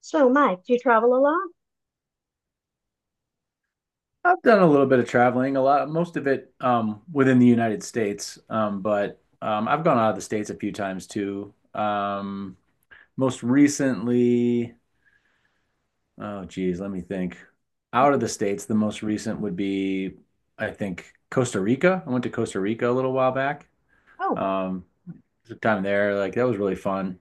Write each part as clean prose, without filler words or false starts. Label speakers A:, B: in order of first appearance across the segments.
A: So, Mike, do you travel a lot?
B: I've done a little bit of traveling, a lot, most of it within the United States, but I've gone out of the States a few times too. Most recently, oh geez, let me think. Out of the States, the most recent would be, I think, Costa Rica. I went to Costa Rica a little while back.
A: Oh,
B: Um, the time there, like that was really fun.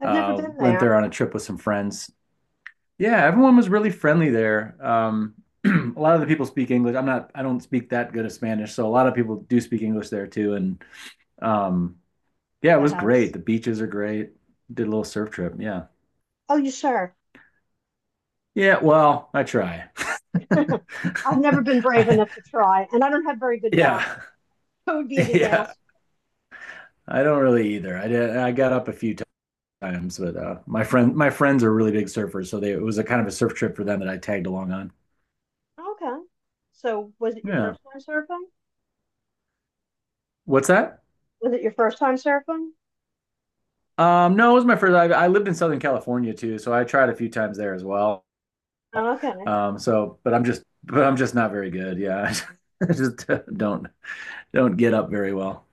A: I've never been
B: Went
A: there.
B: there on a trip with some friends. Yeah, everyone was really friendly there. A lot of the people speak English. I don't speak that good of Spanish, so a lot of people do speak English there too. And um, yeah, it
A: That
B: was great.
A: helps.
B: The beaches are great. Did a little surf trip. Yeah.
A: Oh, you sure?
B: Yeah, well, I try.
A: I've never been brave
B: I,
A: enough to try, and I don't have very good balance.
B: yeah.
A: It would be a
B: Yeah.
A: disaster.
B: I don't really either. I got up a few times, but my friends are really big surfers, so they it was a kind of a surf trip for them that I tagged along on.
A: Okay. So, was it your
B: Yeah.
A: first time surfing?
B: What's that?
A: Was it your first time surfing?
B: No, it was my first. I lived in Southern California too, so I tried a few times there as well.
A: Oh, okay.
B: But I'm just not very good. Yeah, I just don't get up very well.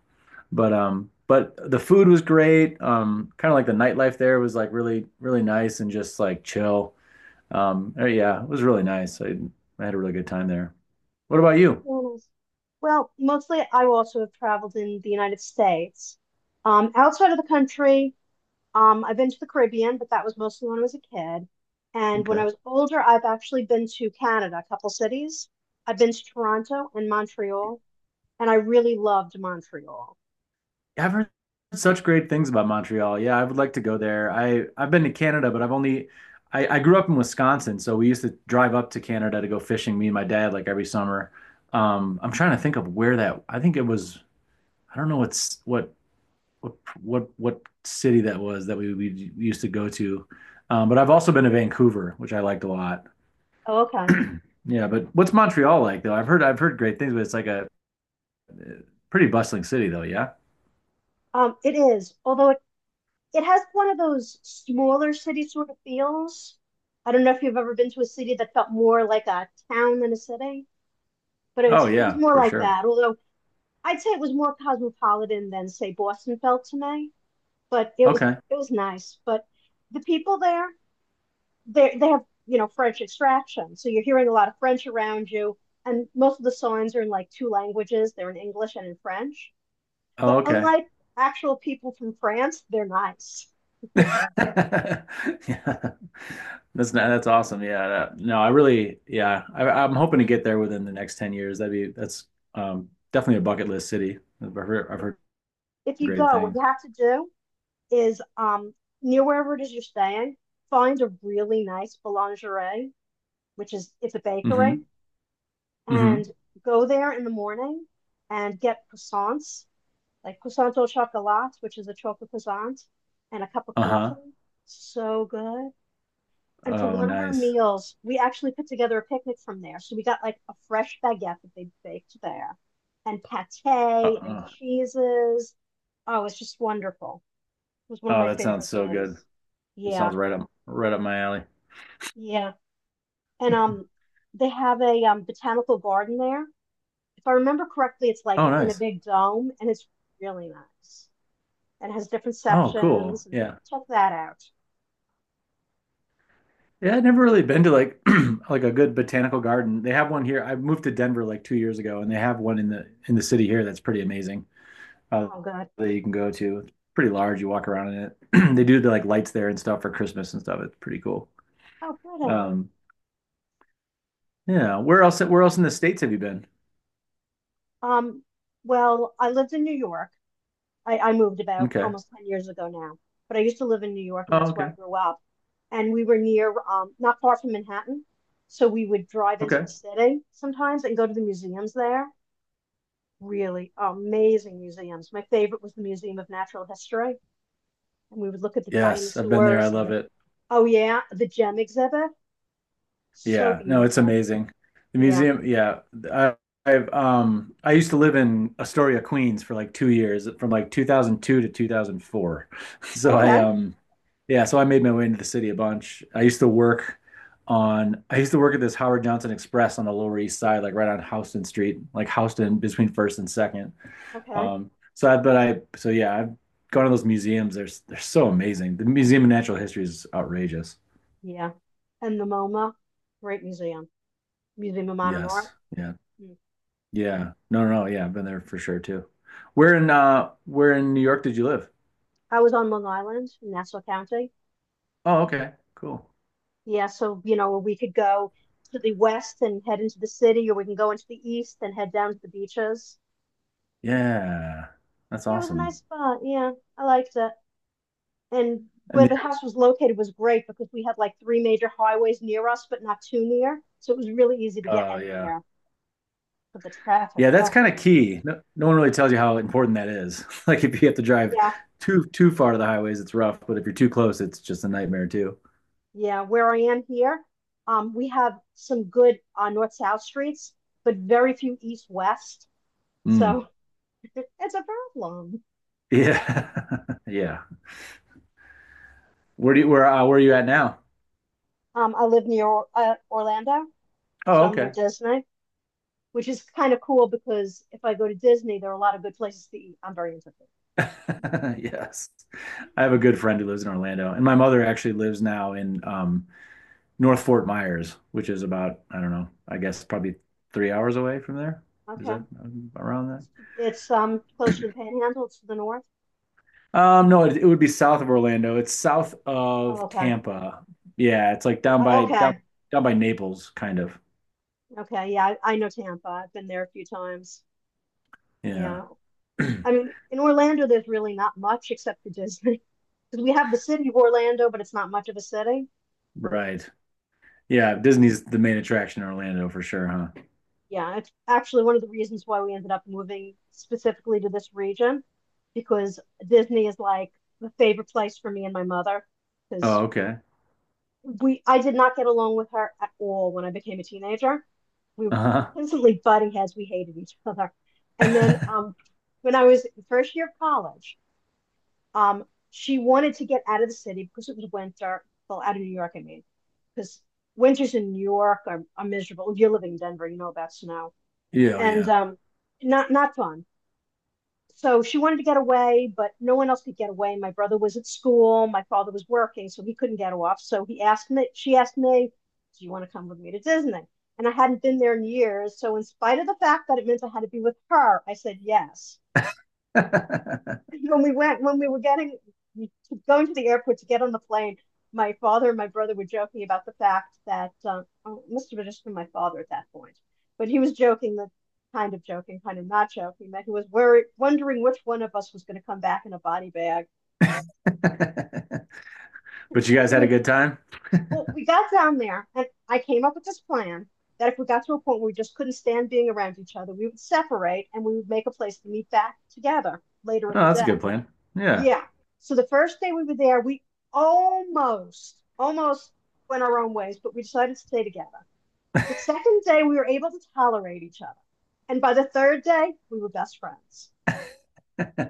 B: But the food was great. Kind of like the nightlife there was like really nice and just like chill. Yeah, it was really nice. I had a really good time there. What about you?
A: Very nice. Well, mostly I also have traveled in the United States. Outside of the country, I've been to the Caribbean, but that was mostly when I was a kid. And when I
B: Okay.
A: was older, I've actually been to Canada, a couple cities. I've been to Toronto and Montreal, and I really loved Montreal.
B: I've heard such great things about Montreal. Yeah, I would like to go there. I've been to Canada, but I've only I grew up in Wisconsin, so we used to drive up to Canada to go fishing, me and my dad, like every summer. I'm trying to think of where that. I think it was. I don't know what's what what city that was that we used to go to. But I've also been to Vancouver, which I liked a lot.
A: Oh, okay.
B: Yeah, but what's Montreal like though? I've heard great things, but it's like a pretty bustling city though. Yeah.
A: It is, although it has one of those smaller city sort of feels. I don't know if you've ever been to a city that felt more like a town than a city, but
B: Oh
A: it was
B: yeah,
A: more
B: for
A: like
B: sure.
A: that. Although I'd say it was more cosmopolitan than, say, Boston felt to me. But it was
B: Okay.
A: it was nice. But the people there, they have, French extraction, so you're hearing a lot of French around you, and most of the songs are in like two languages. They're in English and in French.
B: Oh,
A: But
B: okay.
A: unlike actual people from France, they're nice.
B: Yeah. That's awesome. Yeah. that- no, Yeah, I'm hoping to get there within the next 10 years. That's definitely a bucket list city. I've heard
A: If you
B: great
A: go, what you
B: things.
A: have to do is, near wherever it is you're staying, find a really nice boulangerie, which is it's a bakery,
B: Hmm.
A: and
B: Hmm.
A: go there in the morning and get croissants like croissant au chocolat, which is a chocolate croissant, and a cup of coffee.
B: Uh-huh.
A: So good. And for
B: Oh,
A: one of our
B: nice.
A: meals, we actually put together a picnic from there. So we got like a fresh baguette that they baked there, and pate and
B: Uh-uh.
A: cheeses. Oh, it's just wonderful. It was one of
B: Oh,
A: my
B: that sounds
A: favorite
B: so good.
A: things.
B: It
A: Yeah,
B: sounds right up my alley.
A: yeah. And they have a botanical garden there. If I remember correctly, it's like
B: Oh,
A: in a
B: nice.
A: big dome, and it's really nice and has different
B: Oh, cool.
A: sections. And
B: Yeah.
A: check that out.
B: Yeah, I have never really been to like like a good botanical garden. They have one here. I moved to Denver like 2 years ago, and they have one in the city here that's pretty amazing. uh,
A: Oh, good.
B: that you can go to. It's pretty large. You walk around in it. They do the like lights there and stuff for Christmas and stuff. It's pretty cool.
A: Oh, pretty.
B: Um, yeah. Where else? Where else in the states have you been?
A: Um, well, I lived in New York. I moved about
B: Okay.
A: almost 10 years ago now, but I used to live in New York, and
B: Oh,
A: that's where I
B: okay.
A: grew up. And we were near, not far from Manhattan. So we would drive into
B: Okay.
A: the city sometimes and go to the museums there. Really amazing museums. My favorite was the Museum of Natural History. And we would look at the
B: Yes, I've been there. I
A: dinosaurs and
B: love
A: the,
B: it.
A: oh, yeah, the gem exhibit. So
B: Yeah, no, it's
A: beautiful.
B: amazing. The
A: Yeah.
B: museum, yeah. I, I used to live in Astoria, Queens for like 2 years, from like 2002 to 2004. So I
A: Okay.
B: Yeah, so I made my way into the city a bunch. I used to work at this Howard Johnson Express on the Lower East Side, like right on Houston Street, like Houston between First and Second.
A: Okay.
B: So I but I so Yeah, I've gone to those museums. They're so amazing. The Museum of Natural History is outrageous.
A: Yeah. And the MoMA, great museum, Museum of Modern Art.
B: Yes. Yeah.
A: Mm.
B: Yeah. No, no, no. Yeah, I've been there for sure too. Where in New York did you live?
A: I was on Long Island in Nassau County.
B: Oh, okay. Cool.
A: Yeah, so, you know, we could go to the west and head into the city, or we can go into the east and head down to the beaches.
B: Yeah. That's
A: Yeah, it was a nice
B: awesome.
A: spot. Yeah, I liked it. And where
B: And
A: the house was located was great because we had like three major highways near us, but not too near, so it was really easy to get
B: yeah.
A: anywhere. But the traffic,
B: Yeah, that's
A: oh
B: kind of key. No, no one really tells you how important that is. Like if you have to drive
A: yeah.
B: too far to the highways, it's rough, but if you're too close, it's just a nightmare too.
A: Yeah, where I am here, we have some good north-south streets, but very few east-west.
B: Mm.
A: So it's a problem.
B: Yeah. Yeah. Where are you at now?
A: I live near Orlando,
B: Oh,
A: so I'm near
B: okay.
A: Disney, which is kind of cool because if I go to Disney, there are a lot of good places to eat. I'm very interested.
B: Yes. I have a good friend who lives in Orlando, and my mother actually lives now in North Fort Myers, which is about, I don't know, I guess probably 3 hours away from there. Is
A: Okay,
B: that around that?
A: it's closer to the Panhandle. It's to the north.
B: No, it, It would be south of Orlando. It's south
A: Oh,
B: of
A: okay.
B: Tampa. Yeah, it's like
A: Oh, okay.
B: down by Naples, kind of.
A: Okay. Yeah, I know Tampa. I've been there a few times.
B: Yeah.
A: Yeah. I mean, in Orlando, there's really not much except for Disney. 'Cause we have the city of Orlando, but it's not much of a city.
B: Right. Yeah, Disney's the main attraction in Orlando for sure, huh?
A: Yeah, it's actually one of the reasons why we ended up moving specifically to this region because Disney is like the favorite place for me and my mother
B: Oh,
A: because
B: okay.
A: we I did not get along with her at all when I became a teenager. We were
B: Uh-huh.
A: constantly butting heads. We hated each other. And then, when I was in first year of college, Um, she wanted to get out of the city because it was winter. Well, out of New York, I mean, because winters in New York are miserable. If you're living in Denver, you know about snow
B: Yeah, oh,
A: and,
B: yeah.
A: not fun. So she wanted to get away, but no one else could get away. My brother was at school. My father was working, so he couldn't get off. So he asked me. She asked me, "Do you want to come with me to Disney?" And I hadn't been there in years. So in spite of the fact that it meant I had to be with her, I said yes. When we were getting Going to the airport to get on the plane, my father and my brother were joking about the fact that, oh, it must have just been my father at that point, but he was joking, that kind of joking, kind of not joking, that he was worried, wondering which one of us was going to come back in a body bag.
B: But you guys
A: So
B: had a
A: we
B: good time?
A: Well, we got down there and I came up with this plan that if we got to a point where we just couldn't stand being around each other, we would separate and we would make a place to meet back together later
B: Oh,
A: in the
B: that's a
A: day.
B: good plan. Yeah.
A: Yeah. So the first day we were there, we almost went our own ways, but we decided to stay together. The second day, we were able to tolerate each other. And by the third day, we were best friends.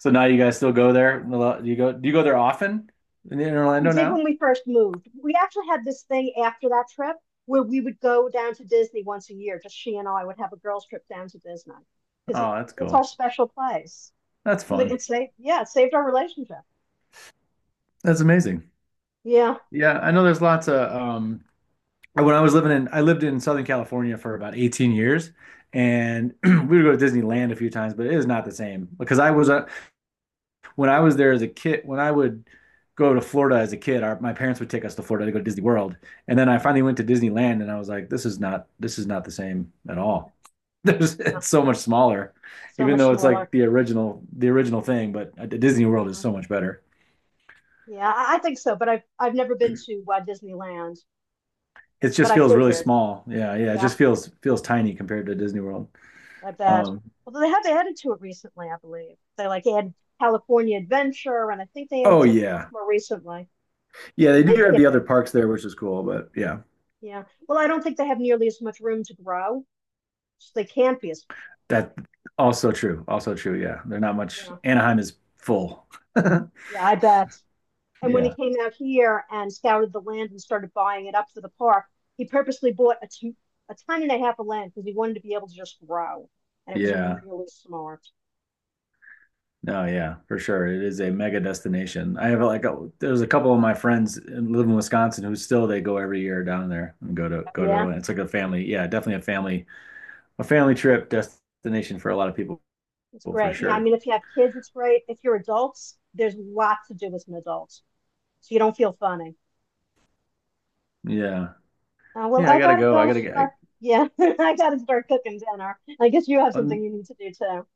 B: So now you guys still go there? Do you go there often in
A: What we
B: Orlando
A: did
B: now?
A: when we first moved, we actually had this thing after that trip where we would go down to Disney once a year. Just she and I would have a girls' trip down to Disney because it,
B: Oh, that's
A: it's our
B: cool.
A: special place.
B: That's
A: Because it,
B: fun.
A: it saved, yeah, it saved our relationship.
B: That's amazing.
A: Yeah,
B: Yeah, I know there's lots of when I was living in I lived in Southern California for about 18 years and we would go to Disneyland a few times, but it is not the same because I was when I was there as a kid, when I would go to Florida as a kid, my parents would take us to Florida to go to Disney World, and then I finally went to Disneyland, and I was like, this is not the same at all. It's so much smaller,
A: so
B: even
A: much
B: though it's
A: smaller.
B: like the original thing, but Disney World is
A: Yeah.
B: so much better.
A: Yeah, I think so, but I've never been to Walt Disneyland,
B: It
A: but
B: just
A: I
B: feels really
A: figured,
B: small. Yeah, yeah, it
A: yeah,
B: just feels tiny compared to Disney World.
A: I bet.
B: Um,
A: Although they have added to it recently, I believe. They like added California Adventure, and I think they added
B: oh
A: something else
B: yeah,
A: more recently.
B: yeah,
A: So
B: they
A: they're
B: do
A: making
B: have
A: it
B: the other
A: bigger.
B: parks there, which is cool, but yeah,
A: Yeah. Well, I don't think they have nearly as much room to grow, so they can't be as big.
B: that also true. Yeah, they're not much.
A: Yeah.
B: Anaheim is full.
A: Yeah, I bet. And when he
B: Yeah.
A: came out here and scouted the land and started buying it up for the park, he purposely bought a ton and a half of land because he wanted to be able to just grow, and it was
B: Yeah.
A: really smart.
B: No, yeah, for sure. It is a mega destination. I have like there's a couple of my friends live in Wisconsin who still they go every year down there and go to
A: Yeah,
B: Orlando. It's like a family, yeah, definitely a family trip destination for a lot of people
A: it's
B: for
A: great. Yeah, I
B: sure.
A: mean, if you have kids, it's great. If you're adults, there's lots to do as an adult, so you don't feel funny.
B: Yeah.
A: Well,
B: Yeah, I
A: I
B: gotta
A: gotta
B: go. I
A: go
B: gotta get I,
A: start. Yeah, I gotta start cooking dinner. I guess you have something
B: um,
A: you need to do too.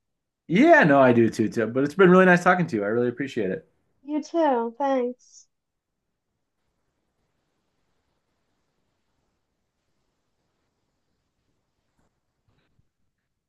B: yeah, no, too. But it's been really nice talking to you. I really appreciate it.
A: You too. Thanks.